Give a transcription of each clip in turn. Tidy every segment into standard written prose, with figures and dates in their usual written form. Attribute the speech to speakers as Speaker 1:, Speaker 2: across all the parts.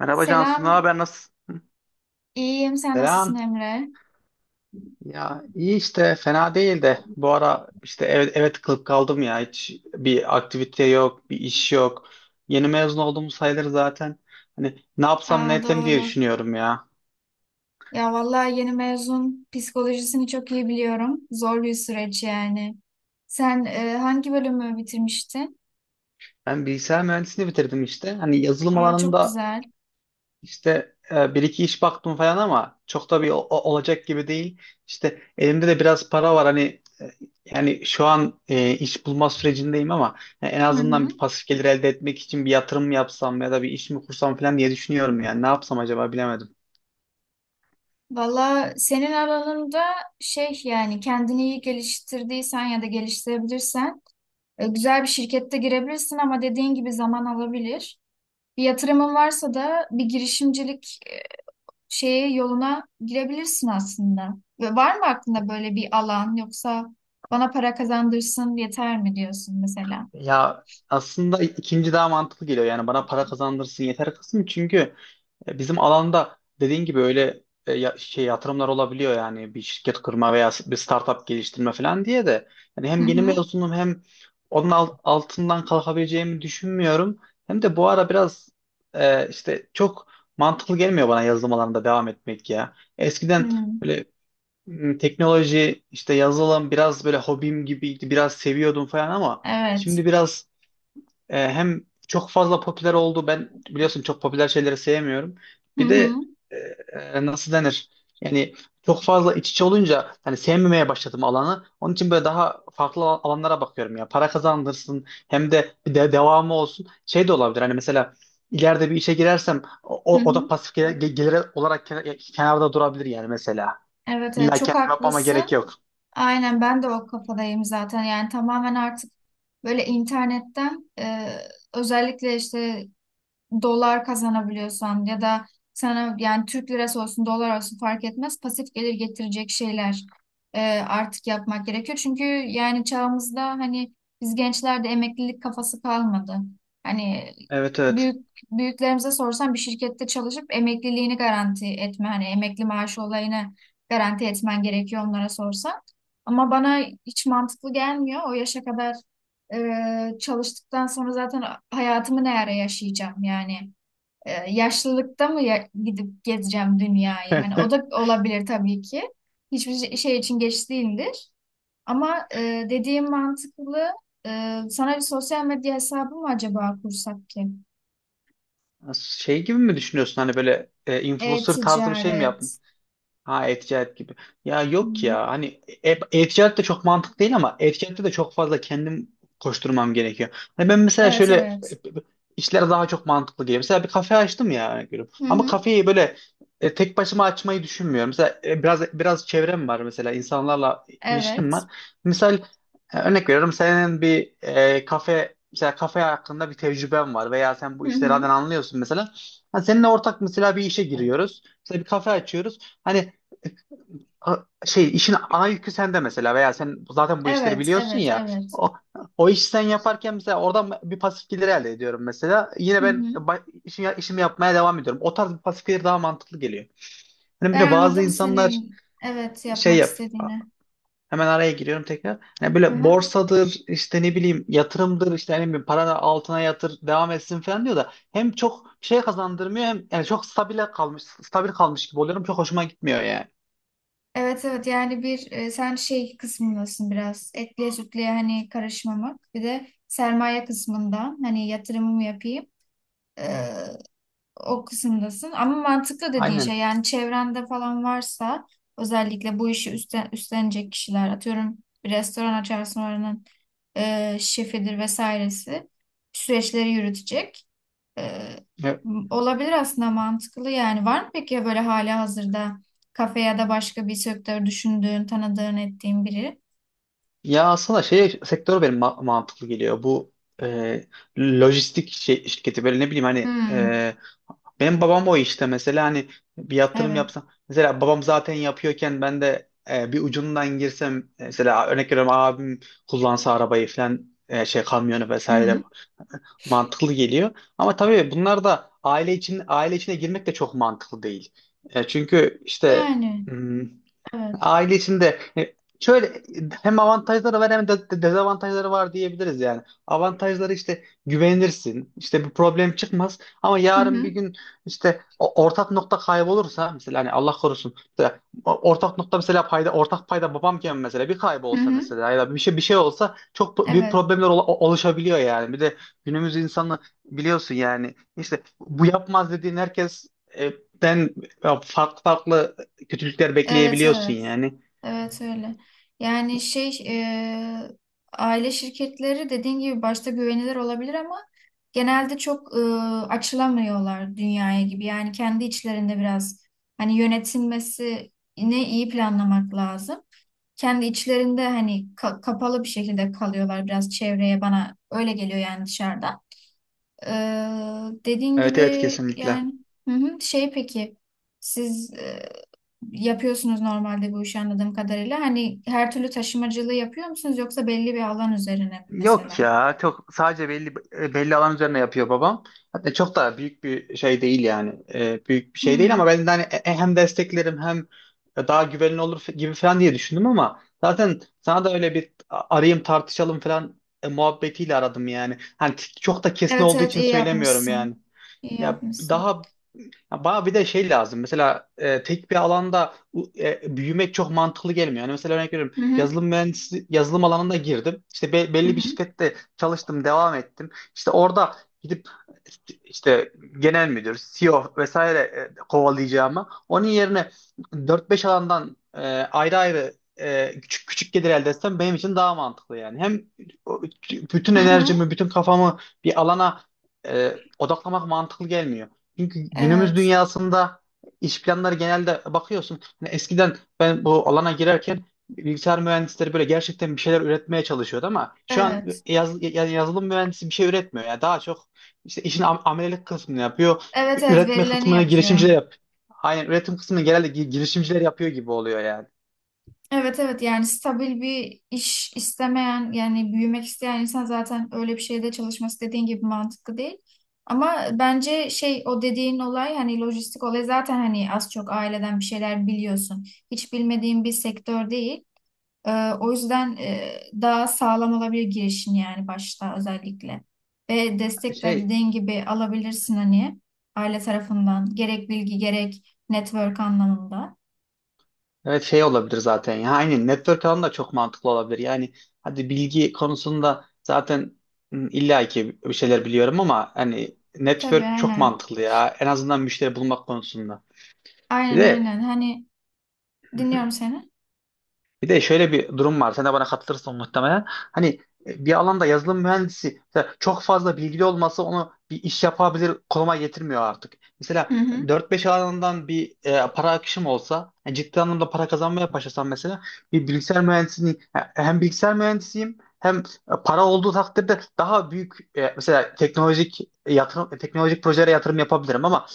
Speaker 1: Merhaba Cansu, ne
Speaker 2: Selam,
Speaker 1: haber, nasılsın?
Speaker 2: iyiyim. Sen nasılsın
Speaker 1: Selam.
Speaker 2: Emre?
Speaker 1: Ya iyi işte fena değil de bu ara işte eve tıkılıp kaldım ya, hiç bir aktivite yok, bir iş yok. Yeni mezun olduğum sayılır zaten. Hani ne yapsam ne
Speaker 2: Aa,
Speaker 1: etsem diye
Speaker 2: doğru.
Speaker 1: düşünüyorum ya.
Speaker 2: Ya vallahi yeni mezun psikolojisini çok iyi biliyorum. Zor bir süreç yani. Sen hangi bölümü bitirmiştin?
Speaker 1: Ben bilgisayar mühendisliğini bitirdim işte. Hani yazılım
Speaker 2: Aa, çok
Speaker 1: alanında...
Speaker 2: güzel.
Speaker 1: İşte bir iki iş baktım falan ama çok da bir olacak gibi değil. İşte elimde de biraz para var hani yani şu an iş bulma sürecindeyim ama yani en
Speaker 2: Hı hı.
Speaker 1: azından bir pasif gelir elde etmek için bir yatırım yapsam ya da bir iş mi kursam falan diye düşünüyorum yani ne yapsam acaba, bilemedim.
Speaker 2: Valla senin alanında yani kendini iyi geliştirdiysen ya da geliştirebilirsen güzel bir şirkette girebilirsin ama dediğin gibi zaman alabilir. Bir yatırımın varsa da bir girişimcilik şeye yoluna girebilirsin aslında. Ve var mı aklında böyle bir alan yoksa bana para kazandırsın yeter mi diyorsun mesela?
Speaker 1: Ya aslında ikinci daha mantıklı geliyor yani, bana para kazandırsın yeter kısım. Çünkü bizim alanda dediğin gibi öyle şey yatırımlar olabiliyor yani, bir şirket kurma veya bir startup geliştirme falan diye de yani
Speaker 2: Hı
Speaker 1: hem yeni
Speaker 2: hı.
Speaker 1: mezunum hem onun altından kalkabileceğimi düşünmüyorum. Hem de bu ara biraz işte çok mantıklı gelmiyor bana yazılım alanında devam etmek ya.
Speaker 2: Hı.
Speaker 1: Eskiden böyle teknoloji işte yazılım biraz böyle hobim gibiydi, biraz seviyordum falan ama
Speaker 2: Evet.
Speaker 1: şimdi biraz hem çok fazla popüler oldu. Ben biliyorsun çok popüler şeyleri sevmiyorum.
Speaker 2: Hı
Speaker 1: Bir
Speaker 2: hı.
Speaker 1: de e, nasıl denir? Yani çok fazla iç içe olunca hani sevmemeye başladım alanı. Onun için böyle daha farklı alanlara bakıyorum ya. Para kazandırsın, hem de bir de devamı olsun. Şey de olabilir. Hani mesela ileride bir işe girersem o,
Speaker 2: Hı
Speaker 1: o o da
Speaker 2: hı.
Speaker 1: pasif gelir olarak kenarda durabilir yani, mesela.
Speaker 2: Evet, evet
Speaker 1: İlla
Speaker 2: çok
Speaker 1: kendim yapmama gerek
Speaker 2: haklısın.
Speaker 1: yok.
Speaker 2: Aynen ben de o kafadayım zaten. Yani tamamen artık böyle internetten özellikle işte dolar kazanabiliyorsan ya da sana yani Türk lirası olsun dolar olsun fark etmez pasif gelir getirecek şeyler artık yapmak gerekiyor. Çünkü yani çağımızda hani biz gençlerde emeklilik kafası kalmadı. Hani
Speaker 1: Evet, evet.
Speaker 2: büyük büyüklerimize sorsan bir şirkette çalışıp emekliliğini garanti etme hani emekli maaşı olayını garanti etmen gerekiyor onlara sorsan. Ama bana hiç mantıklı gelmiyor. O yaşa kadar çalıştıktan sonra zaten hayatımı ne ara yaşayacağım yani. Yaşlılıkta mı gidip gezeceğim dünyayı? Hani o da olabilir tabii ki. Hiçbir şey için geç değildir. Ama dediğim mantıklı. Sana bir sosyal medya hesabı mı acaba kursak ki?
Speaker 1: Şey gibi mi düşünüyorsun, hani böyle influencer tarzı bir şey mi yap?
Speaker 2: E-ticaret.
Speaker 1: Ha, e-ticaret gibi. Ya yok
Speaker 2: Hmm.
Speaker 1: ya, hani e-ticaret de çok mantık değil ama e-ticarette de çok fazla kendim koşturmam gerekiyor. Hani ben mesela
Speaker 2: Evet,
Speaker 1: şöyle
Speaker 2: evet.
Speaker 1: işler daha çok mantıklı geliyor. Mesela bir kafe açtım ya, örnek veriyorum.
Speaker 2: Hı
Speaker 1: Ama
Speaker 2: hı.
Speaker 1: kafeyi böyle tek başıma açmayı düşünmüyorum. Mesela biraz çevrem var mesela, insanlarla ilişkim
Speaker 2: Evet.
Speaker 1: var. Misal örnek veriyorum, senin bir kafe mesela, kafe hakkında bir tecrüben var veya sen bu
Speaker 2: Hı
Speaker 1: işlerden
Speaker 2: hı.
Speaker 1: anlıyorsun mesela. Ha, seninle ortak mesela bir işe giriyoruz. Mesela bir kafe açıyoruz. Hani şey, işin ana yükü sende mesela veya sen zaten bu işleri
Speaker 2: Evet,
Speaker 1: biliyorsun
Speaker 2: evet,
Speaker 1: ya,
Speaker 2: evet.
Speaker 1: o, o işi sen yaparken mesela oradan bir pasif gelir elde ediyorum mesela, yine
Speaker 2: Hı
Speaker 1: ben
Speaker 2: hı.
Speaker 1: işimi yapmaya devam ediyorum. O tarz bir pasif gelir daha mantıklı geliyor. Hani böyle
Speaker 2: Ben
Speaker 1: bazı
Speaker 2: anladım
Speaker 1: insanlar
Speaker 2: senin evet
Speaker 1: şey
Speaker 2: yapmak
Speaker 1: yap
Speaker 2: istediğini.
Speaker 1: hemen araya giriyorum tekrar, hani
Speaker 2: Hı
Speaker 1: böyle
Speaker 2: hı.
Speaker 1: borsadır işte ne bileyim yatırımdır işte, hani bir paranı altına yatır devam etsin falan diyor da hem çok şey kazandırmıyor hem yani çok stabil kalmış gibi oluyorum, çok hoşuma gitmiyor yani.
Speaker 2: Evet evet yani bir sen kısmındasın biraz etliye sütlüye hani karışmamak bir de sermaye kısmından hani yatırımımı yapayım e, o kısımdasın ama mantıklı dediğin şey
Speaker 1: Aynen.
Speaker 2: yani çevrende falan varsa özellikle bu işi üstlenecek kişiler atıyorum bir restoran açarsın oranın şefidir vesairesi süreçleri yürütecek. Ee, Olabilir aslında mantıklı yani. Var mı peki böyle hali hazırda kafe ya da başka bir sektör düşündüğün, tanıdığın, ettiğin biri?
Speaker 1: Ya aslında şey sektör benim mantıklı geliyor. Bu e, lojistik şey, şirketi böyle ne bileyim, hani
Speaker 2: Hmm,
Speaker 1: benim babam o işte mesela. Hani bir yatırım
Speaker 2: evet.
Speaker 1: yapsam mesela, babam zaten yapıyorken ben de bir ucundan girsem mesela, örnek veriyorum, abim kullansa arabayı falan şey kamyonu
Speaker 2: Hı
Speaker 1: vesaire,
Speaker 2: hı.
Speaker 1: mantıklı geliyor. Ama tabii bunlar da aile için aile içine girmek de çok mantıklı değil. Çünkü işte
Speaker 2: Yani
Speaker 1: hmm,
Speaker 2: evet.
Speaker 1: aile içinde şöyle, hem avantajları var hem de dezavantajları var, diyebiliriz yani. Avantajları işte, güvenirsin. İşte bir problem çıkmaz ama
Speaker 2: Hı
Speaker 1: yarın bir
Speaker 2: hı.
Speaker 1: gün işte ortak nokta kaybolursa mesela, hani Allah korusun mesela ortak nokta, mesela payda ortak payda babamken mesela bir
Speaker 2: Hı
Speaker 1: kaybolsa,
Speaker 2: hı.
Speaker 1: mesela ya da bir şey olsa çok büyük
Speaker 2: Evet.
Speaker 1: problemler oluşabiliyor yani. Bir de günümüz insanı biliyorsun yani, işte bu yapmaz dediğin herkes e, ben farklı farklı kötülükler
Speaker 2: Evet,
Speaker 1: bekleyebiliyorsun
Speaker 2: evet.
Speaker 1: yani.
Speaker 2: Evet öyle. Yani aile şirketleri dediğin gibi başta güvenilir olabilir ama genelde çok açılamıyorlar dünyaya gibi. Yani kendi içlerinde biraz hani yönetilmesini iyi planlamak lazım. Kendi içlerinde hani kapalı bir şekilde kalıyorlar biraz çevreye bana öyle geliyor yani dışarıdan. Dediğin
Speaker 1: Evet, evet,
Speaker 2: gibi
Speaker 1: kesinlikle.
Speaker 2: yani hı hı, şey peki siz yapıyorsunuz normalde bu işi anladığım kadarıyla. Hani her türlü taşımacılığı yapıyor musunuz yoksa belli bir alan üzerine mi
Speaker 1: Yok
Speaker 2: mesela?
Speaker 1: ya, çok sadece belli belli alan üzerine yapıyor babam. Hatta çok da büyük bir şey değil yani. Büyük bir şey değil ama
Speaker 2: Hmm.
Speaker 1: ben de hani hem desteklerim hem daha güvenli olur gibi falan diye düşündüm, ama zaten sana da öyle bir arayayım, tartışalım falan muhabbetiyle aradım yani. Hani çok da kesin
Speaker 2: Evet
Speaker 1: olduğu
Speaker 2: evet
Speaker 1: için
Speaker 2: iyi
Speaker 1: söylemiyorum
Speaker 2: yapmışsın.
Speaker 1: yani.
Speaker 2: İyi
Speaker 1: Ya
Speaker 2: yapmışsın.
Speaker 1: daha Ya, bana bir de şey lazım. Mesela tek bir alanda büyümek çok mantıklı gelmiyor. Yani mesela örnek veriyorum,
Speaker 2: Hı hı.
Speaker 1: yazılım mühendisi yazılım alanına girdim. İşte
Speaker 2: Hı
Speaker 1: belli bir
Speaker 2: hı.
Speaker 1: şirkette çalıştım, devam ettim. İşte orada gidip işte genel müdür, CEO vesaire kovalayacağıma, onun yerine dört beş alandan ayrı ayrı küçük küçük gelir elde etsem benim için daha mantıklı yani. Hem o- bütün
Speaker 2: Hı hı.
Speaker 1: enerjimi, bütün kafamı bir alana odaklamak mantıklı gelmiyor. Çünkü günümüz
Speaker 2: Evet.
Speaker 1: dünyasında iş planları genelde bakıyorsun. Hani eskiden ben bu alana girerken bilgisayar mühendisleri böyle gerçekten bir şeyler üretmeye çalışıyordu ama şu an
Speaker 2: Evet.
Speaker 1: yani yazılım mühendisi bir şey üretmiyor. Yani daha çok işte işin amelelik kısmını yapıyor.
Speaker 2: Evet evet
Speaker 1: Üretme
Speaker 2: verileni
Speaker 1: kısmını
Speaker 2: yapıyor.
Speaker 1: girişimciler yap. Aynen, üretim kısmını genelde girişimciler yapıyor gibi oluyor yani.
Speaker 2: Evet evet yani stabil bir iş istemeyen yani büyümek isteyen insan zaten öyle bir şeyde çalışması dediğin gibi mantıklı değil. Ama bence o dediğin olay hani lojistik olay zaten hani az çok aileden bir şeyler biliyorsun. Hiç bilmediğin bir sektör değil. O yüzden daha sağlam olabilir girişin yani başta özellikle. Ve destek de
Speaker 1: Şey
Speaker 2: dediğin gibi alabilirsin hani aile tarafından gerek bilgi gerek network anlamında.
Speaker 1: Evet, şey olabilir zaten ya. Aynen, network alanı da çok mantıklı olabilir. Yani hadi bilgi konusunda zaten illa ki bir şeyler biliyorum ama hani
Speaker 2: Tabii
Speaker 1: network çok
Speaker 2: aynen.
Speaker 1: mantıklı ya. En azından müşteri bulmak konusunda. Bir
Speaker 2: Aynen
Speaker 1: de
Speaker 2: aynen. Hani dinliyorum seni.
Speaker 1: Bir de şöyle bir durum var. Sen de bana katılırsın muhtemelen. Hani bir alanda yazılım mühendisi mesela çok fazla bilgili olması onu bir iş yapabilir konuma getirmiyor artık. Mesela
Speaker 2: Hı hı.
Speaker 1: dört beş alandan bir para akışım olsa, yani ciddi anlamda para kazanmaya başlasam mesela, bir bilgisayar mühendisinin hem bilgisayar mühendisiyim hem para olduğu takdirde daha büyük mesela teknolojik yatırım, teknolojik projelere yatırım yapabilirim. Ama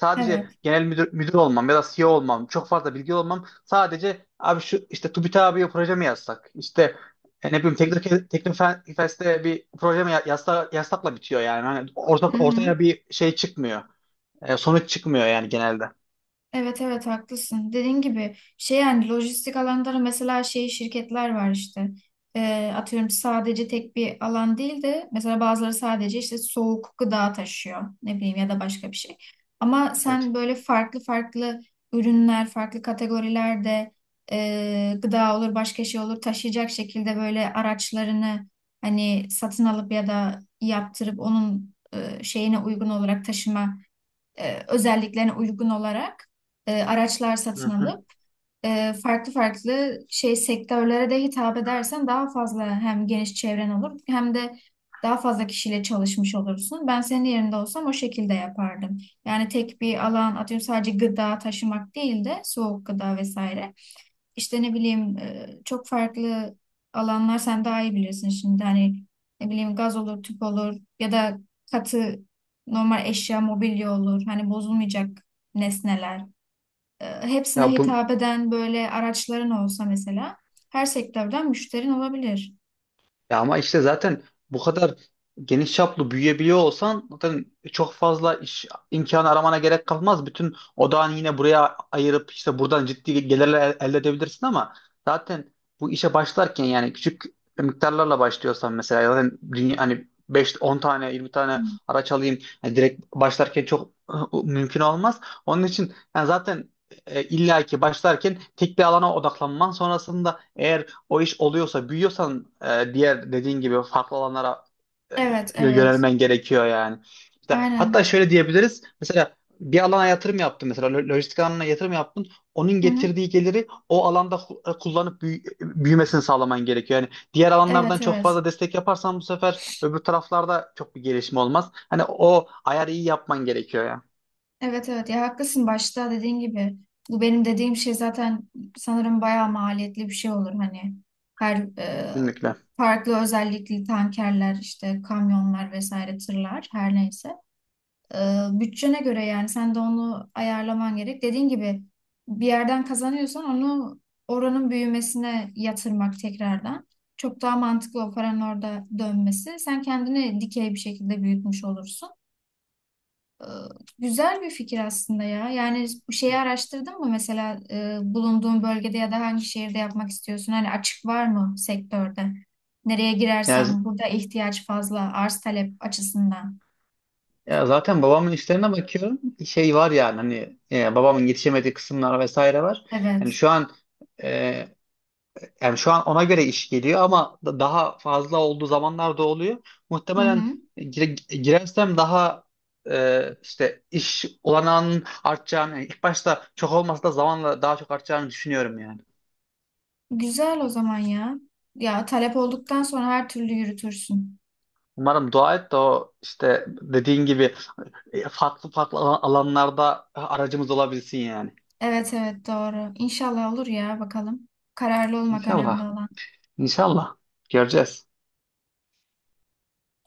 Speaker 1: sadece
Speaker 2: Evet.
Speaker 1: genel müdür, müdür olmam ya da CEO olmam, çok fazla bilgi olmam... Sadece abi, şu işte TÜBİTAK abiye proje mi yazsak? İşte ne bileyim, Teknik Teknofest'e bir proje mi yazsakla bitiyor yani. Hani
Speaker 2: Hı hı.
Speaker 1: ortaya bir şey çıkmıyor. Sonuç çıkmıyor yani genelde.
Speaker 2: Evet evet haklısın. Dediğin gibi yani lojistik alanları mesela şey şirketler var işte. Atıyorum sadece tek bir alan değil de mesela bazıları sadece işte soğuk gıda taşıyor ne bileyim ya da başka bir şey. Ama
Speaker 1: Evet.
Speaker 2: sen böyle farklı farklı ürünler, farklı kategorilerde gıda olur başka şey olur taşıyacak şekilde böyle araçlarını hani satın alıp ya da yaptırıp onun şeyine uygun olarak taşıma özelliklerine uygun olarak araçlar
Speaker 1: Hı
Speaker 2: satın
Speaker 1: hı.
Speaker 2: alıp farklı farklı şey sektörlere de hitap edersen daha fazla hem geniş çevren olur hem de daha fazla kişiyle çalışmış olursun. Ben senin yerinde olsam o şekilde yapardım. Yani tek bir alan atıyorum sadece gıda taşımak değil de soğuk gıda vesaire. İşte ne bileyim çok farklı alanlar sen daha iyi bilirsin şimdi hani ne bileyim gaz olur, tüp olur ya da katı normal eşya, mobilya olur. Hani bozulmayacak nesneler. Hepsine
Speaker 1: Ya bu
Speaker 2: hitap eden böyle araçların olsa mesela her sektörden müşterin olabilir.
Speaker 1: Ya ama işte zaten bu kadar geniş çaplı büyüyebiliyor olsan zaten çok fazla iş imkanı aramana gerek kalmaz. Bütün odağını yine buraya ayırıp işte buradan ciddi gelirler elde edebilirsin ama zaten bu işe başlarken yani küçük miktarlarla başlıyorsan mesela, zaten dünya, hani 5-10 tane 20
Speaker 2: Hı.
Speaker 1: tane araç alayım hani, direkt başlarken çok mümkün olmaz. Onun için yani zaten illaki başlarken tek bir alana odaklanman, sonrasında eğer o iş oluyorsa, büyüyorsan diğer dediğin gibi farklı alanlara e,
Speaker 2: Evet, evet.
Speaker 1: yönelmen gerekiyor yani. İşte, hatta
Speaker 2: Aynen.
Speaker 1: şöyle diyebiliriz. Mesela bir alana yatırım yaptın, mesela lojistik alanına yatırım yaptın. Onun
Speaker 2: Hı hı.
Speaker 1: getirdiği geliri o alanda kullanıp büyümesini sağlaman gerekiyor. Yani diğer alanlardan
Speaker 2: Evet,
Speaker 1: çok
Speaker 2: evet.
Speaker 1: fazla destek yaparsan bu sefer öbür taraflarda çok bir gelişme olmaz. Hani o ayarı iyi yapman gerekiyor ya.
Speaker 2: Evet evet ya haklısın başta dediğin gibi. Bu benim dediğim şey zaten sanırım bayağı maliyetli bir şey olur hani. Her
Speaker 1: Kesinlikle.
Speaker 2: farklı özellikli tankerler işte kamyonlar vesaire tırlar her neyse. E, Bütçene göre yani sen de onu ayarlaman gerek. Dediğin gibi bir yerden kazanıyorsan onu oranın büyümesine yatırmak tekrardan. Çok daha mantıklı o paranın orada dönmesi. Sen kendini dikey bir şekilde büyütmüş olursun. Ee, Güzel bir fikir aslında ya. Yani bu şeyi araştırdın mı mesela bulunduğun bölgede ya da hangi şehirde yapmak istiyorsun? Hani açık var mı sektörde? Nereye
Speaker 1: Yani.
Speaker 2: girersem burada ihtiyaç fazla arz talep açısından.
Speaker 1: Ya, zaten babamın işlerine bakıyorum. Şey var yani, hani babamın yetişemediği kısımlar vesaire var. Yani
Speaker 2: Evet.
Speaker 1: şu an e, Yani şu an ona göre iş geliyor ama daha fazla olduğu zamanlar da oluyor.
Speaker 2: Hı
Speaker 1: Muhtemelen
Speaker 2: hı.
Speaker 1: girersem daha işte iş olanağının artacağını, yani ilk başta çok olmasa da zamanla daha çok artacağını düşünüyorum yani.
Speaker 2: Güzel o zaman ya. Ya talep olduktan sonra her türlü yürütürsün.
Speaker 1: Umarım, dua et de o işte dediğin gibi farklı farklı alanlarda aracımız olabilsin yani.
Speaker 2: Evet evet doğru. İnşallah olur ya bakalım. Kararlı olmak önemli
Speaker 1: İnşallah.
Speaker 2: olan.
Speaker 1: İnşallah göreceğiz.